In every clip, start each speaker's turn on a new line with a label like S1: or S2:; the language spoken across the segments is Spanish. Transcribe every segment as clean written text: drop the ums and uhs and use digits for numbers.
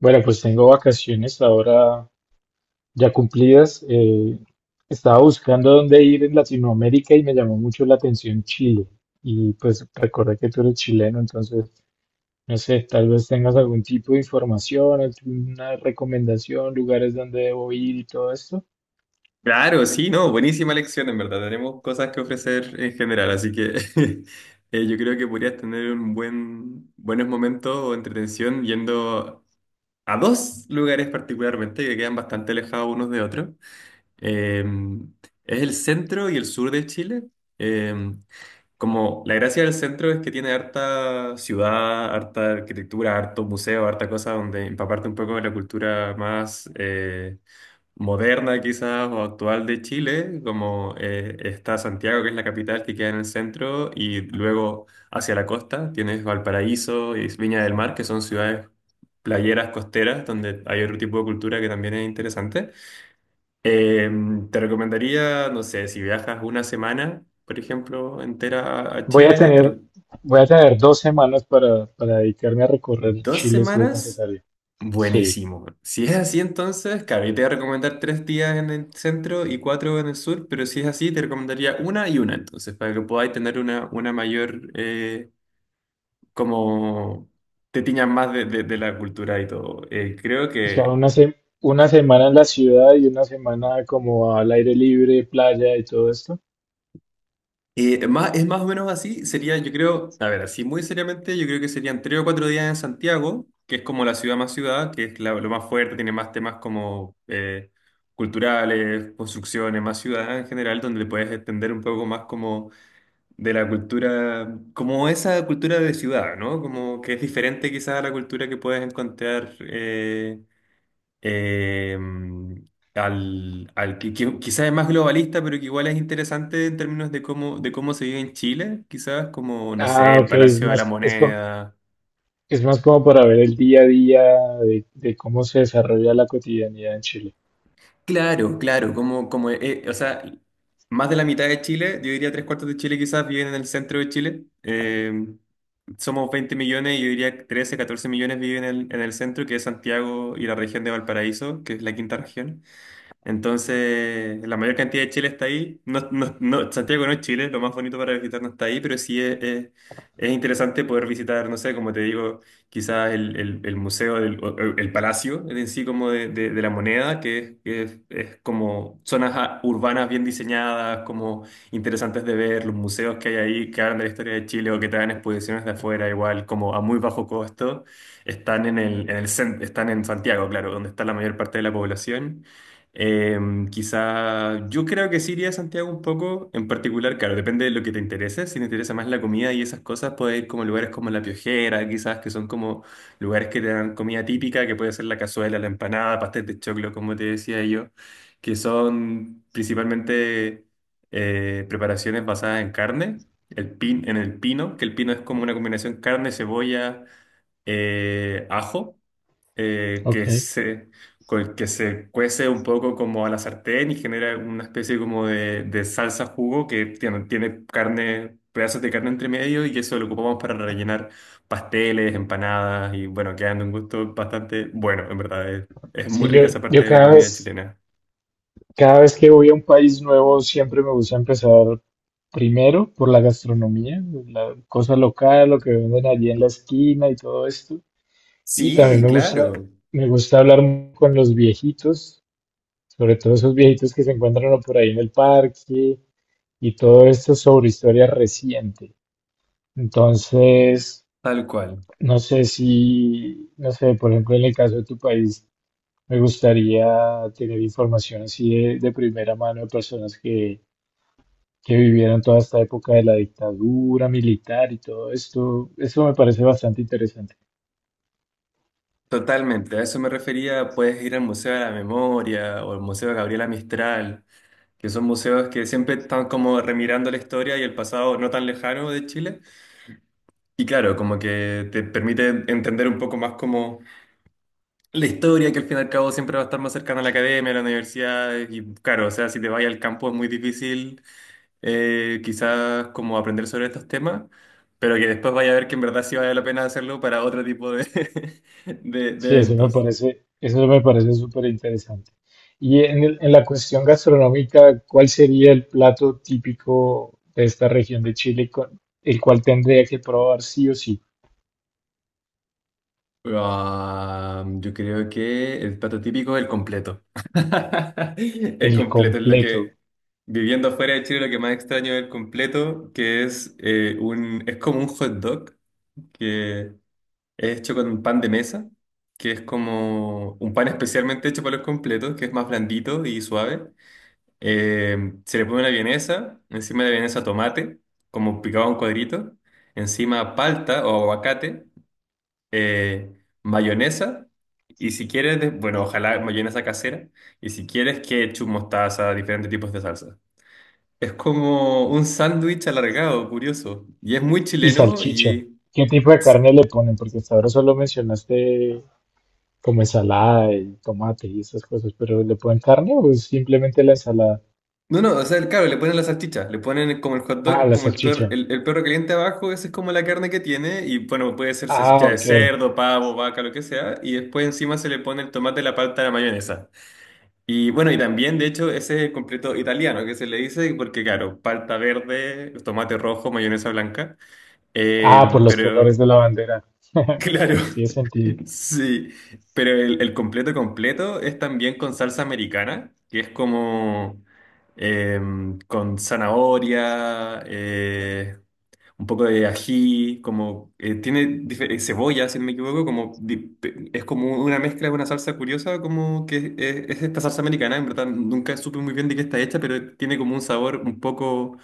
S1: Bueno, pues tengo vacaciones ahora ya cumplidas. Estaba buscando dónde ir en Latinoamérica y me llamó mucho la atención Chile. Y pues recordé que tú eres chileno, entonces, no sé, tal vez tengas algún tipo de información, alguna recomendación, lugares donde debo ir y todo esto.
S2: Claro, sí, no, buenísima lección, en verdad. Tenemos cosas que ofrecer en general, así que yo creo que podrías tener buenos momentos o entretención yendo a dos lugares particularmente que quedan bastante alejados unos de otros. Eh, es el centro y el sur de Chile. Eh, Como la gracia del centro es que tiene harta ciudad, harta arquitectura, harto museo, harta cosa donde empaparte un poco de la cultura más... moderna quizás o actual de Chile, como está Santiago, que es la capital que queda en el centro, y luego hacia la costa tienes Valparaíso y Viña del Mar, que son ciudades playeras costeras, donde hay otro tipo de cultura que también es interesante. Eh, Te recomendaría, no sé, si viajas una semana, por ejemplo, entera a
S1: Voy a
S2: Chile,
S1: tener, voy a tener 2 semanas para dedicarme a recorrer
S2: dos
S1: Chile si es
S2: semanas.
S1: necesario. Sí,
S2: Buenísimo. Si es así, entonces, claro, yo te voy a recomendar 3 días en el centro y 4 en el sur, pero si es así, te recomendaría una y una, entonces, para que podáis tener una mayor, como te tiñas más de la cultura y todo. Creo
S1: o sea,
S2: que
S1: 1 semana en la ciudad y 1 semana como al aire libre, playa y todo esto.
S2: Más, es más o menos así, sería, yo creo, a ver, así muy seriamente, yo creo que serían 3 o 4 días en Santiago, que es como la ciudad más ciudad, que es lo más fuerte, tiene más temas como culturales, construcciones, más ciudad en general, donde puedes entender un poco más como de la cultura, como esa cultura de ciudad, ¿no? Como que es diferente quizás a la cultura que puedes encontrar. Eh, al que quizás es más globalista, pero que igual es interesante en términos de cómo se vive en Chile, quizás como, no sé,
S1: Ah,
S2: el
S1: ok,
S2: Palacio de la Moneda.
S1: es más como para ver el día a día de cómo se desarrolla la cotidianidad en Chile.
S2: Claro, claro, como, o sea, más de la mitad de Chile, yo diría tres cuartos de Chile quizás viven en el centro de Chile. Somos 20 millones, yo diría 13, 14 millones viven en el centro, que es Santiago y la región de Valparaíso, que es la quinta región. Entonces, la mayor cantidad de Chile está ahí. Santiago no es Chile, lo más bonito para visitar no está ahí, pero es interesante poder visitar, no sé, como te digo, quizás el museo, palacio en sí como de la moneda, que, es, es como zonas urbanas bien diseñadas, como interesantes de ver, los museos que hay ahí que hablan de la historia de Chile o que traen exposiciones de afuera, igual, como a muy bajo costo, están están en Santiago, claro, donde está la mayor parte de la población. Quizá yo creo que sí iría a Santiago un poco, en particular, claro, depende de lo que te interese. Si te interesa más la comida y esas cosas, puedes ir como lugares como La Piojera, quizás que son como lugares que te dan comida típica, que puede ser la cazuela, la empanada, pastel de choclo, como te decía yo, que son principalmente preparaciones basadas en carne, en el pino, que el pino es como una combinación carne, cebolla, ajo, eh,
S1: Ok.
S2: que se, que se cuece un poco como a la sartén y genera una especie como de salsa jugo que tiene, tiene carne, pedazos de carne entre medio y eso lo ocupamos para rellenar pasteles, empanadas y bueno, quedan de un gusto bastante bueno, en verdad. Es muy
S1: Sí,
S2: rica esa parte
S1: yo
S2: de la
S1: cada
S2: comida
S1: vez,
S2: chilena.
S1: cada vez que voy a un país nuevo siempre me gusta empezar primero por la gastronomía, la cosa local, lo que venden allí en la esquina y todo esto. Y también
S2: Sí,
S1: me
S2: claro.
S1: gusta, Me gusta con los viejitos, sobre todo esos viejitos que se encuentran uno por ahí en el parque y todo esto sobre historia reciente. Entonces,
S2: Tal cual.
S1: No sé, por ejemplo, en el caso de tu país, me gustaría tener información así de primera mano de personas que vivieron toda esta época de la dictadura militar y todo esto. Eso me parece bastante interesante.
S2: Totalmente, a eso me refería, puedes ir al Museo de la Memoria o al Museo de Gabriela Mistral, que son museos que siempre están como remirando la historia y el pasado no tan lejano de Chile. Y claro, como que te permite entender un poco más como la historia, que al fin y al cabo siempre va a estar más cercana a la academia, a la universidad. Y claro, o sea, si te vas al campo es muy difícil quizás como aprender sobre estos temas, pero que después vaya a ver que en verdad sí vale la pena hacerlo para otro tipo de, de
S1: Sí, eso me
S2: eventos.
S1: parece, eso me parece súper interesante. Y en la cuestión gastronómica, ¿cuál sería el plato típico de esta región de Chile el cual tendría que probar sí o sí?
S2: Ah, yo creo que el plato típico es el completo. El
S1: El
S2: completo es lo
S1: completo.
S2: que, viviendo afuera de Chile, lo que más extraño es el completo, que es, es como un hot dog que es hecho con pan de mesa, que es como un pan especialmente hecho para los completos, que es más blandito y suave. Eh, Se le pone una vienesa, encima de la vienesa tomate, como picado en cuadritos, encima palta o aguacate, eh, mayonesa y si quieres, bueno, ojalá mayonesa casera y si quieres ketchup, mostaza, diferentes tipos de salsa. Es como un sándwich alargado, curioso. Y es muy
S1: Y
S2: chileno
S1: salchicha.
S2: y...
S1: ¿Qué tipo de
S2: s-
S1: carne le ponen? Porque hasta ahora solo mencionaste como ensalada y tomate y esas cosas, pero ¿le ponen carne o es simplemente la ensalada?
S2: No, no, o sea, claro, le ponen la salchicha, le ponen como el hot
S1: Ah,
S2: dog,
S1: la
S2: como el perro,
S1: salchicha.
S2: el perro caliente abajo, esa es como la carne que tiene y bueno, puede ser salchicha
S1: Ah,
S2: de
S1: ok.
S2: cerdo, pavo, vaca, lo que sea, y después encima se le pone el tomate, la palta, la mayonesa. Y bueno, y también, de hecho, ese es el completo italiano que se le dice, porque claro, palta verde, tomate rojo, mayonesa blanca.
S1: Ah, por los colores
S2: Pero,
S1: de la bandera.
S2: claro,
S1: Tiene sentido.
S2: sí. Pero el completo completo es también con salsa americana, que es como eh, con zanahoria, un poco de ají, como tiene cebolla, si no me equivoco, como es como una mezcla de una salsa curiosa, como que es, es esta salsa americana, en verdad nunca supe muy bien de qué está hecha, pero tiene como un sabor un poco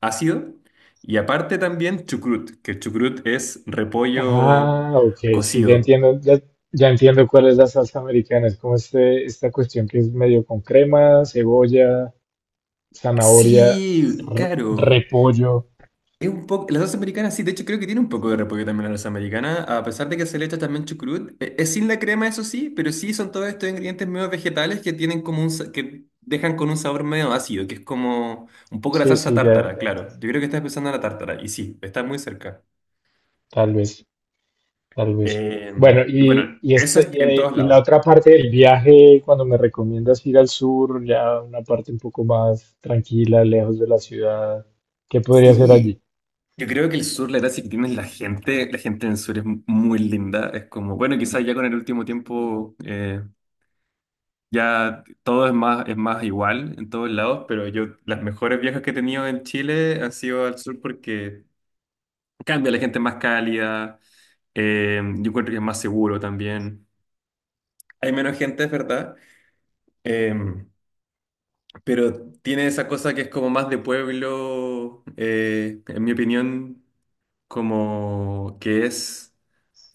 S2: ácido. Y aparte también chucrut, que el chucrut es repollo
S1: Ah, ok, sí,
S2: cocido.
S1: ya entiendo cuál es la salsa americana. Es como este, esta cuestión que es medio con crema, cebolla, zanahoria,
S2: Sí, claro.
S1: repollo.
S2: Es un poco, la salsa americana sí, de hecho creo que tiene un poco de repollo también la salsa americana, a pesar de que se le echa también chucrut. Es sin la crema eso sí, pero sí son todos estos ingredientes medio vegetales que tienen como un, que dejan con un sabor medio ácido, que es como un poco la
S1: Sí,
S2: salsa
S1: sí,
S2: tártara,
S1: ya
S2: claro, yo
S1: entiendo.
S2: creo que estás pensando en la tártara, y sí, está muy cerca.
S1: Tal vez. Tal vez.
S2: Eh,
S1: Bueno,
S2: bueno, eso
S1: esta
S2: es en todos
S1: y la
S2: lados.
S1: otra parte del viaje, cuando me recomiendas ir al sur, ya una parte un poco más tranquila, lejos de la ciudad, ¿qué podría ser
S2: Sí.
S1: allí?
S2: Yo creo que el sur, la gracia que tiene es la gente en el sur es muy linda, es como, bueno, quizás ya con el último tiempo ya todo es más igual en todos lados, pero yo las mejores viajes que he tenido en Chile han sido al sur porque cambia, la gente es más cálida, yo encuentro que es más seguro también. Hay menos gente, es verdad, eh, pero tiene esa cosa que es como más de pueblo, en mi opinión, como que es,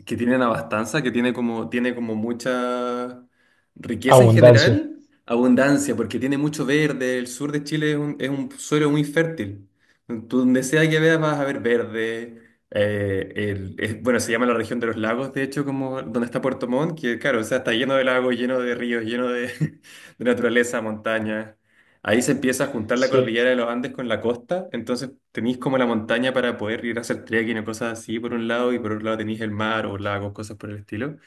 S2: que tienen abastanza, que tiene como mucha riqueza en
S1: Abundancia.
S2: general, abundancia, porque tiene mucho verde. El sur de Chile es un suelo muy fértil. Tú donde sea que veas vas a ver verde. Bueno, se llama la región de los lagos, de hecho, como donde está Puerto Montt, que claro, o sea, está lleno de lagos, lleno de ríos, lleno de, de naturaleza, montañas. Ahí se empieza a juntar la
S1: Sí,
S2: cordillera de los Andes con la costa, entonces tenéis como la montaña para poder ir a hacer trekking o cosas así por un lado, y por otro lado tenéis el mar o lagos, cosas por el estilo,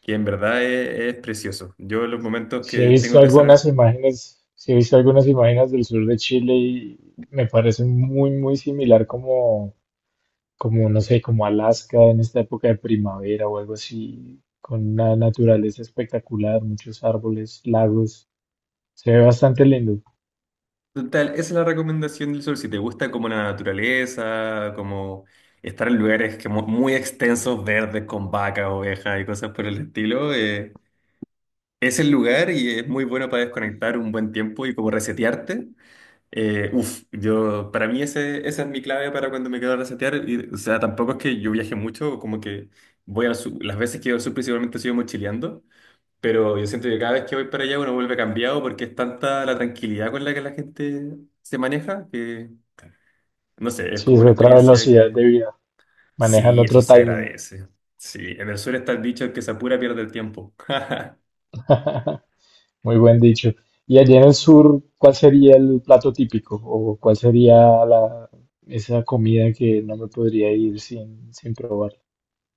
S2: que en verdad es precioso. Yo los momentos que tengo que hacer.
S1: sí he visto algunas imágenes del sur de Chile y me parece muy similar como, no sé, como Alaska en esta época de primavera o algo así, con una naturaleza espectacular, muchos árboles, lagos. Se ve bastante lindo.
S2: Total, esa es la recomendación del sol. Si te gusta como la naturaleza, como estar en lugares que muy extensos, verdes, con vacas, ovejas y cosas por el estilo, es el lugar y es muy bueno para desconectar un buen tiempo y como resetearte. Uf, yo, para mí ese, esa es mi clave para cuando me quedo a resetear. Y, o sea, tampoco es que yo viaje mucho, como que voy al sur, las veces que voy al sur principalmente sigo mochileando, pero yo siento que cada vez que voy para allá uno vuelve cambiado porque es tanta la tranquilidad con la que la gente se maneja que, no sé, es
S1: Sí,
S2: como
S1: es
S2: una
S1: otra
S2: experiencia
S1: velocidad
S2: que
S1: de vida. Manejan
S2: sí, eso
S1: otro
S2: se
S1: timing.
S2: agradece. Sí, en el sur está el dicho el que se apura pierde el tiempo.
S1: Muy buen dicho. Y allí en el sur, ¿cuál sería el plato típico? ¿O cuál sería la, esa comida que no me podría ir sin, sin probar?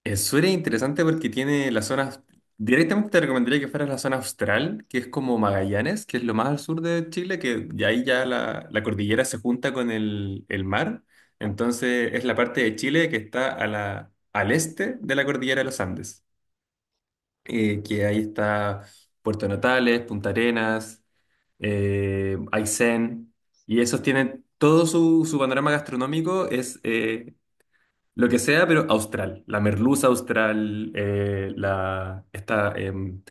S2: Eso era interesante porque tiene las zonas, directamente te recomendaría que fueras a la zona austral, que es como Magallanes, que es lo más al sur de Chile, que ya ahí ya la cordillera se junta con el mar. Entonces es la parte de Chile que está al este de la cordillera de los Andes, que ahí está Puerto Natales, Punta Arenas, Aysén, y esos tienen todo su panorama gastronómico es, lo que sea, pero austral. La merluza austral, la, esta,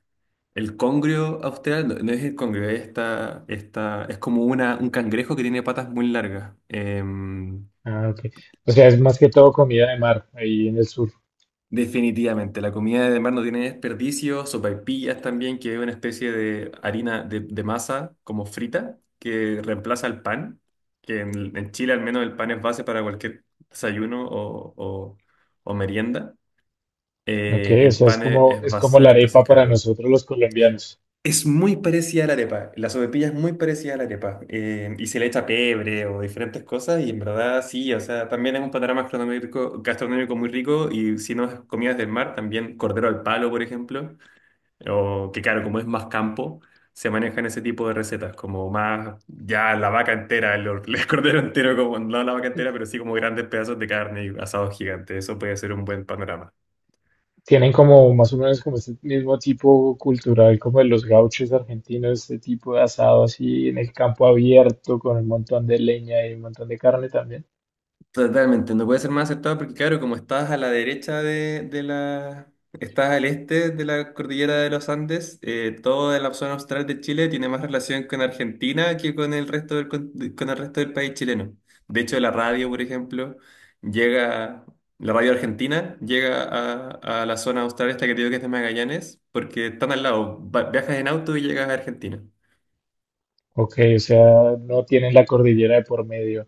S2: el congrio austral, no, no es el congrio, es esta, esta, es como una, un cangrejo que tiene patas muy largas.
S1: Ah, ok. O sea, es más que todo comida de mar ahí en el sur.
S2: Definitivamente, la comida de mar no tiene desperdicio, sopaipillas también, que es una especie de harina de masa como frita, que reemplaza el pan, que en Chile al menos el pan es base para cualquier desayuno o merienda.
S1: Ok, o
S2: El
S1: sea,
S2: pan es
S1: es como
S2: basal,
S1: la
S2: entonces
S1: arepa para
S2: claro.
S1: nosotros los colombianos.
S2: Es muy parecida a la arepa. La sopaipilla es muy parecida a la arepa. Y se le echa pebre o diferentes cosas. Y en verdad sí, o sea, también es un panorama gastronómico muy rico. Y si no es comidas del mar, también cordero al palo, por ejemplo. O que claro, como es más campo, se manejan ese tipo de recetas. Como más ya la vaca entera, el cordero entero, como no la vaca entera, pero sí como grandes pedazos de carne y asados gigantes. Eso puede ser un buen panorama.
S1: Tienen como más o menos como este mismo tipo cultural como de los gauchos argentinos, este tipo de asado así en el campo abierto con un montón de leña y un montón de carne también.
S2: Totalmente, no puede ser más acertado porque, claro, como estás a la derecha de la... Estás al este de la cordillera de los Andes, toda la zona austral de Chile tiene más relación con Argentina que con el resto del, con el resto del país chileno. De hecho, la radio, por ejemplo, llega... La radio argentina llega a la zona austral esta que te digo que es de Magallanes porque están al lado. Viajas en auto y llegas a Argentina.
S1: Ok, o sea, no tienen la cordillera de por medio.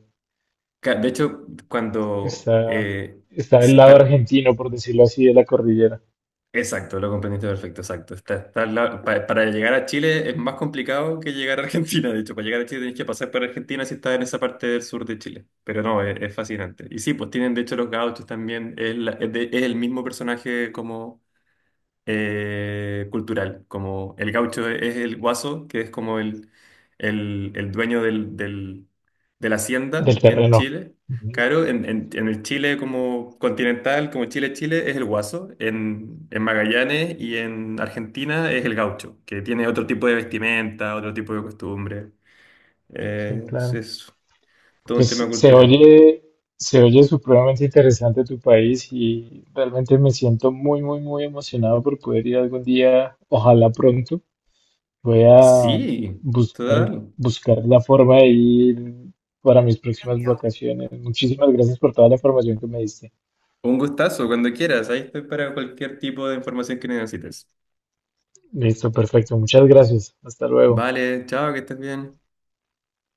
S2: De hecho, cuando.
S1: Está, Está del
S2: Sí,
S1: lado argentino, por decirlo así, de la cordillera,
S2: exacto, lo comprendiste perfecto, exacto. Está, está para llegar a Chile es más complicado que llegar a Argentina, de hecho, para llegar a Chile tenés que pasar por Argentina si estás en esa parte del sur de Chile, pero no, es fascinante. Y sí, pues tienen de hecho los gauchos también, es, es el mismo personaje como cultural, como el gaucho es el guaso, que es como el, el dueño del, de la
S1: del
S2: hacienda en
S1: terreno.
S2: Chile.
S1: Ujú.
S2: Claro, en el Chile como continental, como Chile, Chile, es el guaso. En Magallanes y en Argentina es el gaucho, que tiene otro tipo de vestimenta, otro tipo de costumbre.
S1: Sí,
S2: Eh, es
S1: claro.
S2: es todo un tema
S1: Pues se
S2: cultural.
S1: oye, Se oye supremamente interesante tu país y realmente me siento muy emocionado por poder ir algún día, ojalá pronto. Voy a
S2: Sí, total.
S1: buscar la forma de ir para mis próximas vacaciones. Muchísimas gracias por toda la información que me diste.
S2: Un gustazo, cuando quieras. Ahí estoy para cualquier tipo de información que necesites.
S1: Listo, perfecto. Muchas gracias. Hasta luego.
S2: Vale, chao, que estés bien.